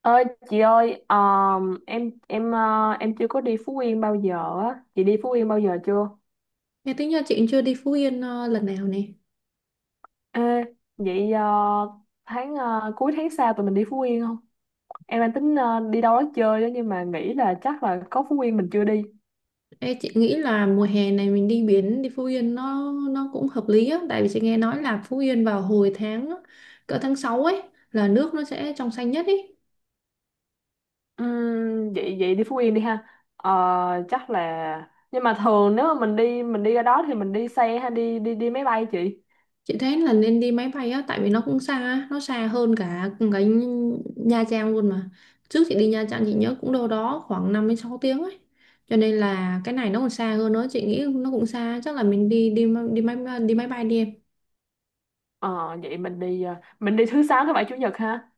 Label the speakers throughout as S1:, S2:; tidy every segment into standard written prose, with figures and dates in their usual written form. S1: Ơi chị ơi, em em chưa có đi Phú Yên bao giờ á. Chị đi Phú Yên bao giờ chưa?
S2: Nghe tính ra chị chưa đi Phú Yên lần nào nè.
S1: Ê, vậy tháng cuối tháng sau tụi mình đi Phú Yên không? Em đang tính đi đâu đó chơi đó, nhưng mà nghĩ là chắc là có Phú Yên mình chưa đi.
S2: Ê, chị nghĩ là mùa hè này mình đi biển đi Phú Yên nó cũng hợp lý á, tại vì chị nghe nói là Phú Yên vào hồi tháng cỡ tháng 6 ấy là nước nó sẽ trong xanh nhất ấy.
S1: Vậy vậy đi Phú Yên đi ha. Ờ, chắc là, nhưng mà thường nếu mà mình đi ra đó thì mình đi xe hay đi đi đi máy bay chị?
S2: Chị thấy là nên đi máy bay á, tại vì nó cũng xa á, nó xa hơn cả cái Nha Trang luôn mà. Trước chị đi Nha Trang chị nhớ cũng đâu đó khoảng 5 đến 6 tiếng ấy. Cho nên là cái này nó còn xa hơn nữa, chị nghĩ nó cũng xa, chắc là mình đi đi đi máy bay đi em.
S1: Ờ, vậy mình đi thứ sáu thứ bảy chủ nhật ha.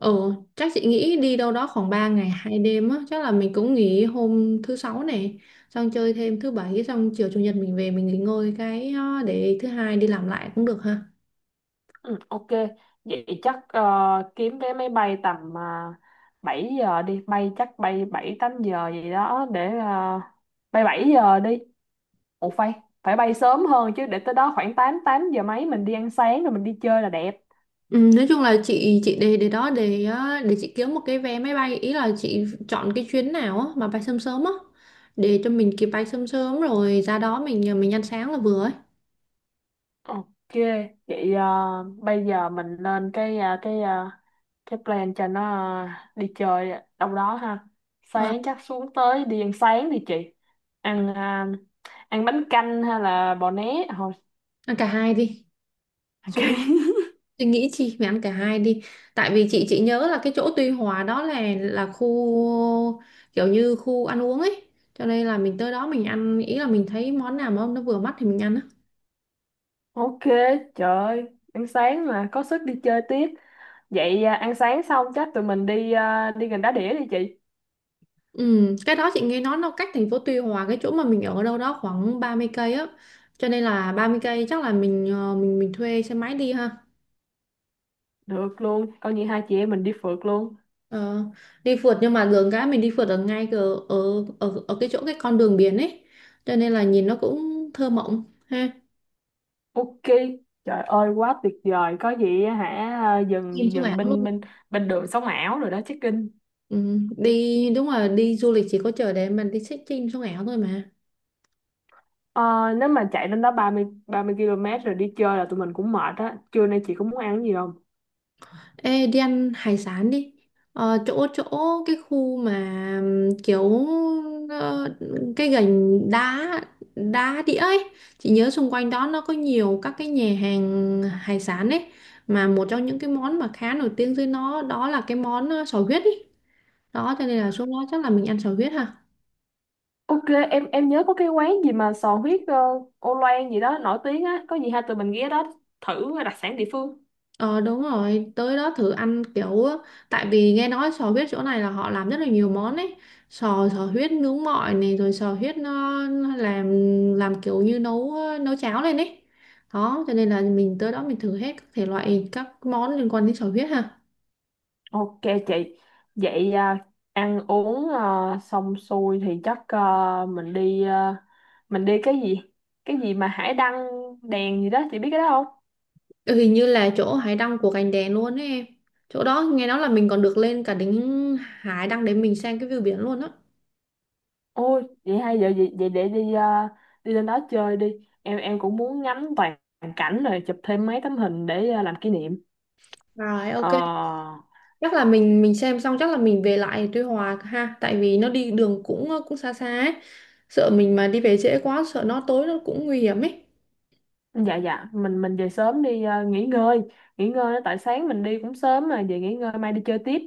S2: Ừ, chắc chị nghĩ đi đâu đó khoảng 3 ngày 2 đêm á, chắc là mình cũng nghỉ hôm thứ sáu này, xong chơi thêm thứ bảy, xong chiều chủ nhật mình về mình nghỉ ngơi cái, để thứ hai đi làm lại cũng được ha.
S1: Ừ, ok. Vậy chắc kiếm vé máy bay tầm 7 giờ đi. Bay chắc bay bảy tám giờ gì đó, để bay 7 giờ đi. Ủa, phải bay sớm hơn chứ, để tới đó khoảng 8 8 giờ mấy mình đi ăn sáng rồi mình đi chơi là đẹp.
S2: Ừ, nói chung là chị để đó để chị kiếm một cái vé máy bay, ý là chị chọn cái chuyến nào á mà bay sớm sớm á, để cho mình kịp bay sớm sớm rồi ra đó mình ăn sáng là vừa ấy.
S1: Ok. Vậy bây giờ mình lên cái plan cho nó ờ, đi chơi đâu đó ha.
S2: Ờ,
S1: Sáng chắc xuống tới đi ăn sáng đi chị. Ăn ờ, ăn bánh canh hay là bò né thôi.
S2: ăn cả hai đi.
S1: Ok.
S2: Tôi nghĩ chị phải ăn cả hai đi, tại vì chị nhớ là cái chỗ Tuy Hòa đó là khu, kiểu như khu ăn uống ấy, cho nên là mình tới đó mình ăn, ý là mình thấy món nào mà nó vừa mắt thì mình ăn á.
S1: Ok, trời ơi, ăn sáng mà có sức đi chơi tiếp. Vậy à, ăn sáng xong chắc tụi mình đi à, đi gần đá đĩa đi chị.
S2: Ừ, cái đó chị nghe nói nó cách thành phố Tuy Hòa cái chỗ mà mình ở, ở đâu đó khoảng 30 cây á, cho nên là 30 cây chắc là mình thuê xe máy đi ha.
S1: Được luôn, coi như hai chị em mình đi phượt luôn.
S2: Ờ, đi phượt nhưng mà đường cái mình đi phượt ở ngay ở cái chỗ cái con đường biển ấy, cho nên là nhìn nó cũng thơ mộng ha.
S1: Ok, trời ơi quá tuyệt vời. Có gì á hả? À,
S2: Nhìn
S1: dừng
S2: cho mẻ.
S1: dừng bên bên bên đường sống ảo rồi đó check in.
S2: Ừ, đi đúng là đi du lịch chỉ có chờ để mình đi check-in sống ảo thôi mà.
S1: Ờ, nếu mà chạy lên đó 30 km rồi đi chơi là tụi mình cũng mệt á. Trưa nay chị có muốn ăn gì không?
S2: Ê, đi ăn hải sản đi, chỗ chỗ cái khu mà, kiểu, ờ, cái Gành đá đá Đĩa ấy, chị nhớ xung quanh đó nó có nhiều các cái nhà hàng hải sản ấy, mà một trong những cái món mà khá nổi tiếng dưới nó đó là cái món, sò huyết ấy, đó cho nên là xuống đó chắc là mình ăn sò huyết ha.
S1: Ok, em nhớ có cái quán gì mà sò huyết ô loan gì đó nổi tiếng á, có gì hai tụi mình ghé đó thử đặc sản địa phương.
S2: Ờ, đúng rồi, tới đó thử ăn kiểu á, tại vì nghe nói sò huyết chỗ này là họ làm rất là nhiều món ấy. Sò sò huyết nướng mọi này, rồi sò huyết nó làm kiểu như nấu nấu cháo lên ấy. Đó, cho nên là mình tới đó mình thử hết các thể loại các món liên quan đến sò huyết ha.
S1: Ok chị. Vậy à, ăn uống à, xong xuôi thì chắc à, mình đi cái gì? Cái gì mà hải đăng đèn gì đó, chị biết cái đó không?
S2: Ừ, hình như là chỗ hải đăng của Cành Đèn luôn ấy em. Chỗ đó nghe nói là mình còn được lên cả đỉnh hải đăng để mình xem cái view biển luôn á.
S1: Ôi, vậy hay giờ vậy, vậy để đi à, đi lên đó chơi đi. Em cũng muốn ngắm toàn cảnh rồi chụp thêm mấy tấm hình để à, làm kỷ niệm.
S2: Rồi ok,
S1: Ờ,
S2: chắc là mình xem xong, chắc là mình về lại Tuy Hòa ha, tại vì nó đi đường cũng xa xa ấy, sợ mình mà đi về trễ quá, sợ nó tối nó cũng nguy hiểm ấy.
S1: dạ, dạ, mình về sớm đi à, nghỉ ngơi tại sáng mình đi cũng sớm mà về nghỉ ngơi mai đi chơi tiếp.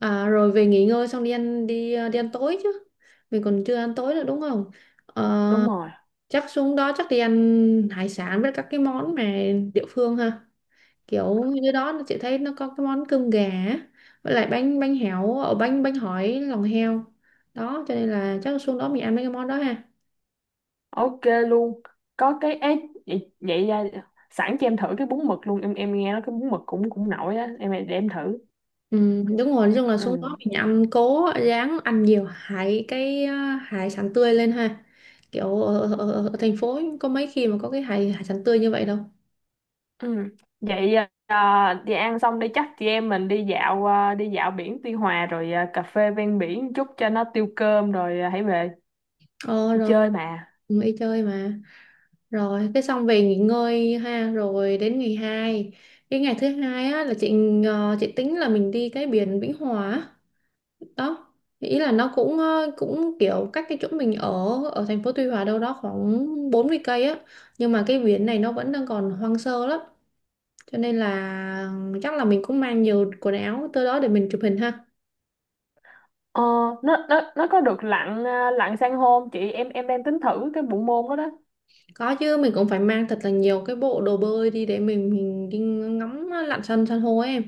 S2: À, rồi về nghỉ ngơi xong đi ăn tối chứ, mình còn chưa ăn tối nữa đúng không? Ờ,
S1: Đúng rồi.
S2: chắc xuống đó chắc đi ăn hải sản với các cái món mà địa phương ha, kiểu như đó nó chị thấy nó có cái món cơm gà á, với lại bánh bánh héo ở bánh bánh hỏi lòng heo, đó cho nên là chắc xuống đó mình ăn mấy cái món đó ha.
S1: Ok luôn có cái ấy vậy, vậy ra sẵn cho em thử cái bún mực luôn. Em nghe nói cái bún mực cũng cũng nổi á, em để em thử.
S2: Ừ, đúng rồi, nói chung là
S1: Ừ,
S2: xuống đó mình ăn cố, ráng ăn nhiều hải sản tươi lên ha. Kiểu ở, ở, ở ở thành phố có mấy khi mà có cái hải hải sản tươi như vậy đâu.
S1: ừ. Vậy à, đi ăn xong đi chắc chị em mình đi dạo à, đi dạo biển Tuy Hòa rồi à, cà phê ven biển một chút cho nó tiêu cơm, rồi à, hãy về,
S2: Ờ
S1: đi
S2: rồi,
S1: chơi mà.
S2: cũng đi chơi mà. Rồi, cái xong về nghỉ ngơi ha, rồi đến ngày hai. Cái ngày thứ hai á là chị tính là mình đi cái biển Vĩnh Hòa á. Đó. Ý là nó cũng kiểu cách cái chỗ mình ở, ở thành phố Tuy Hòa đâu đó khoảng 40 cây á. Nhưng mà cái biển này nó vẫn đang còn hoang sơ lắm, cho nên là chắc là mình cũng mang nhiều quần áo tới đó để mình chụp hình ha.
S1: Ờ, nó có được lặn à, lặn san hô không chị? Em đang tính thử cái bộ môn đó đó.
S2: Có chứ, mình cũng phải mang thật là nhiều cái bộ đồ bơi đi để mình đi ngắm lặn san san hô ấy em.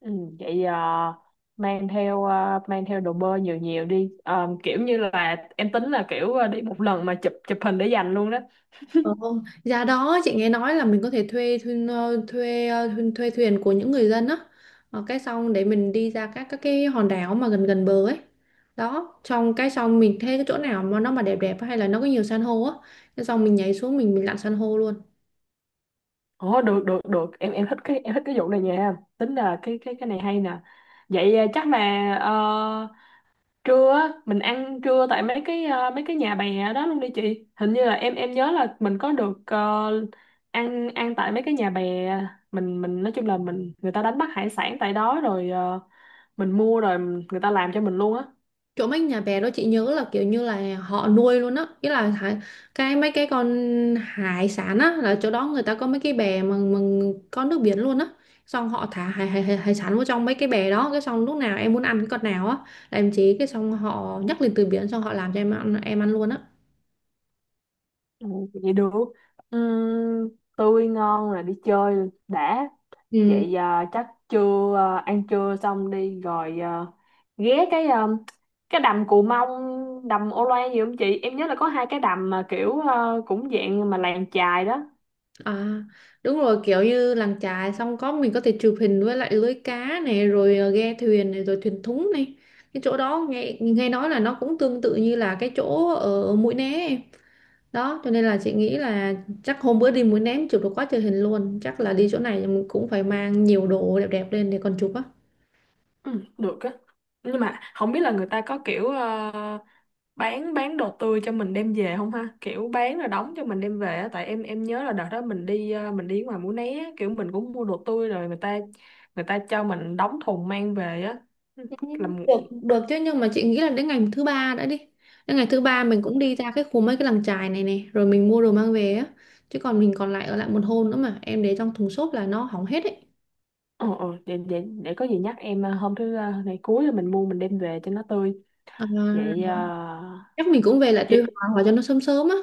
S1: Ừ, vậy mang theo đồ bơi nhiều nhiều đi. Ờ, kiểu như là em tính là kiểu đi một lần mà chụp chụp hình để dành luôn đó.
S2: Ờ, không. Giá đó chị nghe nói là mình có thể thuê, thuê thuyền của những người dân á. Ờ, cái xong để mình đi ra các cái hòn đảo mà gần gần bờ ấy, đó xong cái xong mình thấy cái chỗ nào mà nó mà đẹp đẹp hay là nó có nhiều san hô á, cái xong mình nhảy xuống mình lặn san hô luôn.
S1: Ồ, được, được, được. Em thích cái vụ này nha. Tính là cái này hay nè. Vậy chắc là ờ, trưa á, mình ăn trưa tại mấy cái nhà bè đó luôn đi chị. Hình như là em nhớ là mình có được ăn ăn tại mấy cái nhà bè. Mình nói chung là mình, người ta đánh bắt hải sản tại đó rồi mình mua rồi người ta làm cho mình luôn á.
S2: Chỗ mấy nhà bè đó chị nhớ là kiểu như là họ nuôi luôn á, ý là cái mấy cái con hải sản á, là chỗ đó người ta có mấy cái bè mà, có nước biển luôn á, xong họ thả hải sản vô trong mấy cái bè đó, cái xong lúc nào em muốn ăn cái con nào á, là em chế, cái xong họ nhắc lên từ biển, xong họ làm cho em ăn luôn á.
S1: Ừ, vậy được. Ừm, tươi ngon là đi chơi đã.
S2: Ừ.
S1: Vậy à, chắc trưa à, ăn trưa xong đi rồi à, ghé cái đầm Cù Mông, đầm Ô Loan gì không chị? Em nhớ là có hai cái đầm mà kiểu à, cũng dạng mà làng chài đó.
S2: À, đúng rồi, kiểu như làng chài xong có mình có thể chụp hình với lại lưới cá này, rồi ghe thuyền này, rồi thuyền thúng này. Cái chỗ đó nghe nghe nói là nó cũng tương tự như là cái chỗ ở Mũi Né em, đó cho nên là chị nghĩ là chắc hôm bữa đi Mũi Né chụp được quá trời hình luôn, chắc là đi chỗ này mình cũng phải mang nhiều đồ đẹp đẹp lên để còn chụp á.
S1: Ừ, được á. Nhưng mà không biết là người ta có kiểu bán đồ tươi cho mình đem về không ha, kiểu bán rồi đóng cho mình đem về á. Tại em nhớ là đợt đó mình đi mình đi ngoài Mũi Né á, kiểu mình cũng mua đồ tươi rồi người ta cho mình đóng thùng mang về á làm.
S2: Được được chứ, nhưng mà chị nghĩ là đến ngày thứ ba mình cũng đi ra cái khu mấy cái làng chài này này, rồi mình mua đồ mang về á, chứ còn mình còn lại ở lại một hôm nữa mà em để trong thùng xốp là nó hỏng hết ấy.
S1: Ờ, ờ, để có gì nhắc em ngày cuối là mình mua mình đem về cho nó tươi.
S2: À,
S1: Vậy
S2: chắc mình cũng về lại Tuy
S1: chị
S2: Hòa hoặc cho nó sớm sớm á,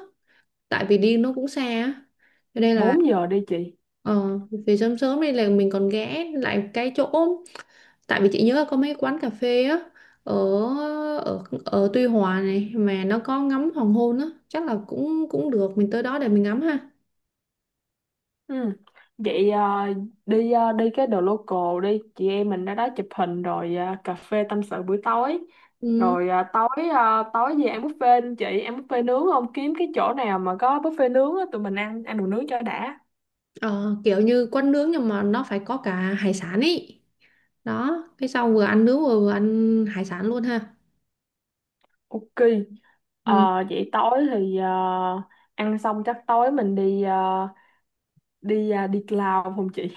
S2: tại vì đi nó cũng xa á, cho nên là
S1: 4 giờ đi chị.
S2: ờ về sớm sớm đi là mình còn ghé lại cái chỗ, tại vì chị nhớ có mấy quán cà phê á, ở ở ở Tuy Hòa này mà nó có ngắm hoàng hôn á, chắc là cũng cũng được mình tới đó để mình ngắm ha.
S1: Ừ. Vậy à, đi cái đồ local đi chị, em mình ra đó chụp hình rồi à, cà phê tâm sự buổi tối,
S2: Ừ,
S1: rồi à, tối về ăn buffet không chị? Ăn buffet nướng không? Kiếm cái chỗ nào mà có buffet nướng á, tụi mình ăn ăn đồ nướng cho đã.
S2: ờ, kiểu như quán nướng nhưng mà nó phải có cả hải sản ấy, đó cái sau vừa ăn nướng vừa ăn hải sản luôn ha.
S1: Ok.
S2: Ừ,
S1: Ờ, vậy tối thì à, ăn xong chắc tối mình đi à, đi cloud không chị?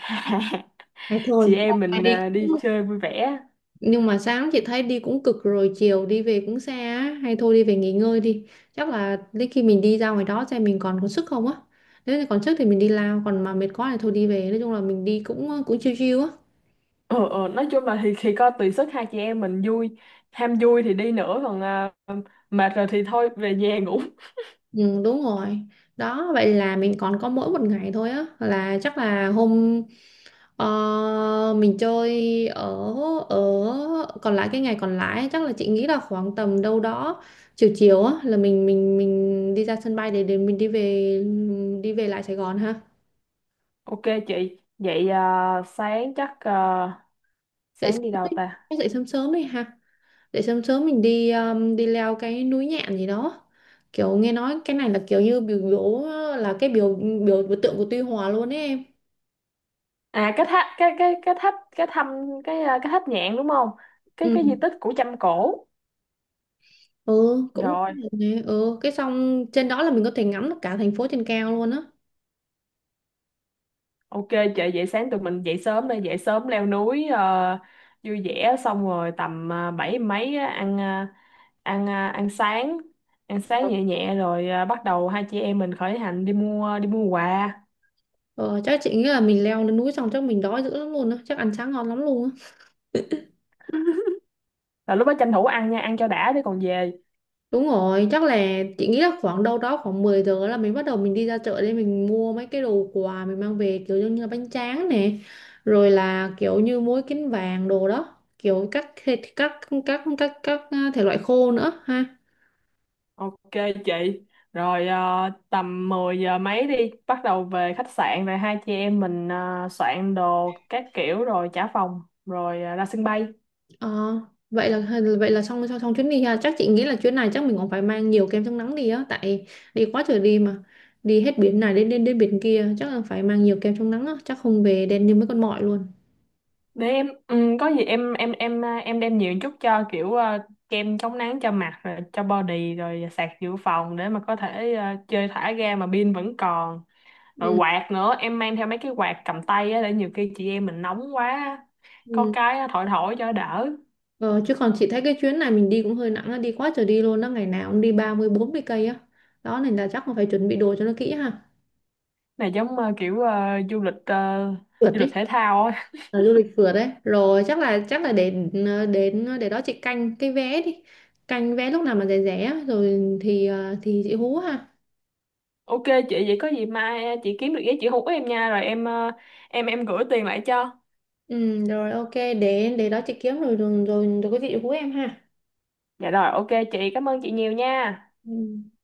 S2: thế thôi
S1: Chị
S2: hôm
S1: em
S2: nay
S1: mình
S2: đi,
S1: à, đi chơi vui vẻ.
S2: nhưng mà sáng chị thấy đi cũng cực rồi, chiều đi về cũng xa á, hay thôi đi về nghỉ ngơi đi, chắc là đến khi mình đi ra ngoài đó xem mình còn có sức không á, nếu như còn sức thì mình đi lao, còn mà mệt quá thì thôi đi về, nói chung là mình đi cũng chill chill á.
S1: Ừ, ừ, nói chung là thì coi tùy sức hai chị em mình vui. Ham vui thì đi nữa, còn à, mệt rồi thì thôi về nhà ngủ.
S2: Ừ, đúng rồi, đó vậy là mình còn có mỗi một ngày thôi á, là chắc là Ờ, mình chơi ở ở còn lại cái ngày còn lại, chắc là chị nghĩ là khoảng tầm đâu đó chiều chiều á là mình đi ra sân bay để mình đi về lại Sài Gòn ha.
S1: Ok chị. Vậy à, sáng chắc à,
S2: Dậy
S1: sáng
S2: sớm
S1: đi đâu
S2: đi,
S1: ta?
S2: chắc dậy sớm sớm đi ha, dậy sớm sớm mình đi đi leo cái núi Nhạn gì đó, kiểu nghe nói cái này là kiểu như biểu biểu là cái biểu biểu biểu tượng của Tuy Hòa luôn ấy em.
S1: À, cái tháp cái tháp nhạn đúng không?
S2: Ừ,
S1: Cái di tích của Chăm Cổ
S2: ừ cũng.
S1: rồi.
S2: Ừ, cái xong trên đó là mình có thể ngắm được cả thành phố trên cao luôn á.
S1: Ok chị. Vậy sáng tụi mình dậy sớm đây, dậy sớm leo núi vui vẻ xong rồi tầm bảy mấy á, ăn ờ, ăn sáng ăn sáng nhẹ nhẹ rồi bắt đầu hai chị em mình khởi hành đi mua quà,
S2: Ờ, chắc chị nghĩ là mình leo lên núi xong chắc mình đói dữ lắm luôn á, chắc ăn sáng ngon lắm luôn á.
S1: là lúc đó tranh thủ ăn nha, ăn cho đã để còn về.
S2: Đúng rồi, chắc là chị nghĩ là khoảng đâu đó khoảng 10 giờ là mình bắt đầu mình đi ra chợ để mình mua mấy cái đồ quà mình mang về, kiểu như là bánh tráng nè, rồi là kiểu như muối kiến vàng đồ đó, kiểu các thịt các thể loại khô nữa ha.
S1: Ok chị. Rồi tầm 10 giờ mấy đi, bắt đầu về khách sạn rồi hai chị em mình soạn đồ các kiểu rồi trả phòng rồi ra sân bay.
S2: Ờ, vậy là xong xong, xong chuyến đi ha. Chắc chị nghĩ là chuyến này chắc mình cũng phải mang nhiều kem chống nắng đi á, tại đi quá trời đi mà. Đi hết biển này đến đến đến biển kia, chắc là phải mang nhiều kem chống nắng á, chắc không về đen như mấy con mọi luôn.
S1: Để em ừ, có gì em đem nhiều chút cho kiểu à, kem chống nắng cho mặt rồi cho body, rồi sạc dự phòng để mà có thể à, chơi thả ga mà pin vẫn còn. Rồi
S2: Ừ.
S1: quạt nữa, em mang theo mấy cái quạt cầm tay á, để nhiều khi chị em mình nóng quá á, có
S2: Ừ.
S1: cái á, thổi thổi cho đỡ.
S2: Ờ, chứ còn chị thấy cái chuyến này mình đi cũng hơi nặng á, đi quá trời đi luôn đó, ngày nào cũng đi 30 40 cây á. Đó nên là chắc là phải chuẩn bị đồ cho nó kỹ ha.
S1: Này giống à, kiểu à,
S2: Phượt
S1: du lịch
S2: đi.
S1: thể thao á.
S2: Là du lịch phượt đấy, rồi chắc là để để đó chị canh cái vé đi, canh vé lúc nào mà rẻ rẻ á, rồi thì chị hú ha.
S1: Ok chị. Vậy có gì mai à, chị kiếm được giấy chị hú em nha, rồi em à, em gửi tiền lại cho.
S2: Ừ, rồi ok, để đó chị kiếm rồi có gì chị hú em ha.
S1: Dạ rồi, ok chị, cảm ơn chị nhiều nha.
S2: Ừ.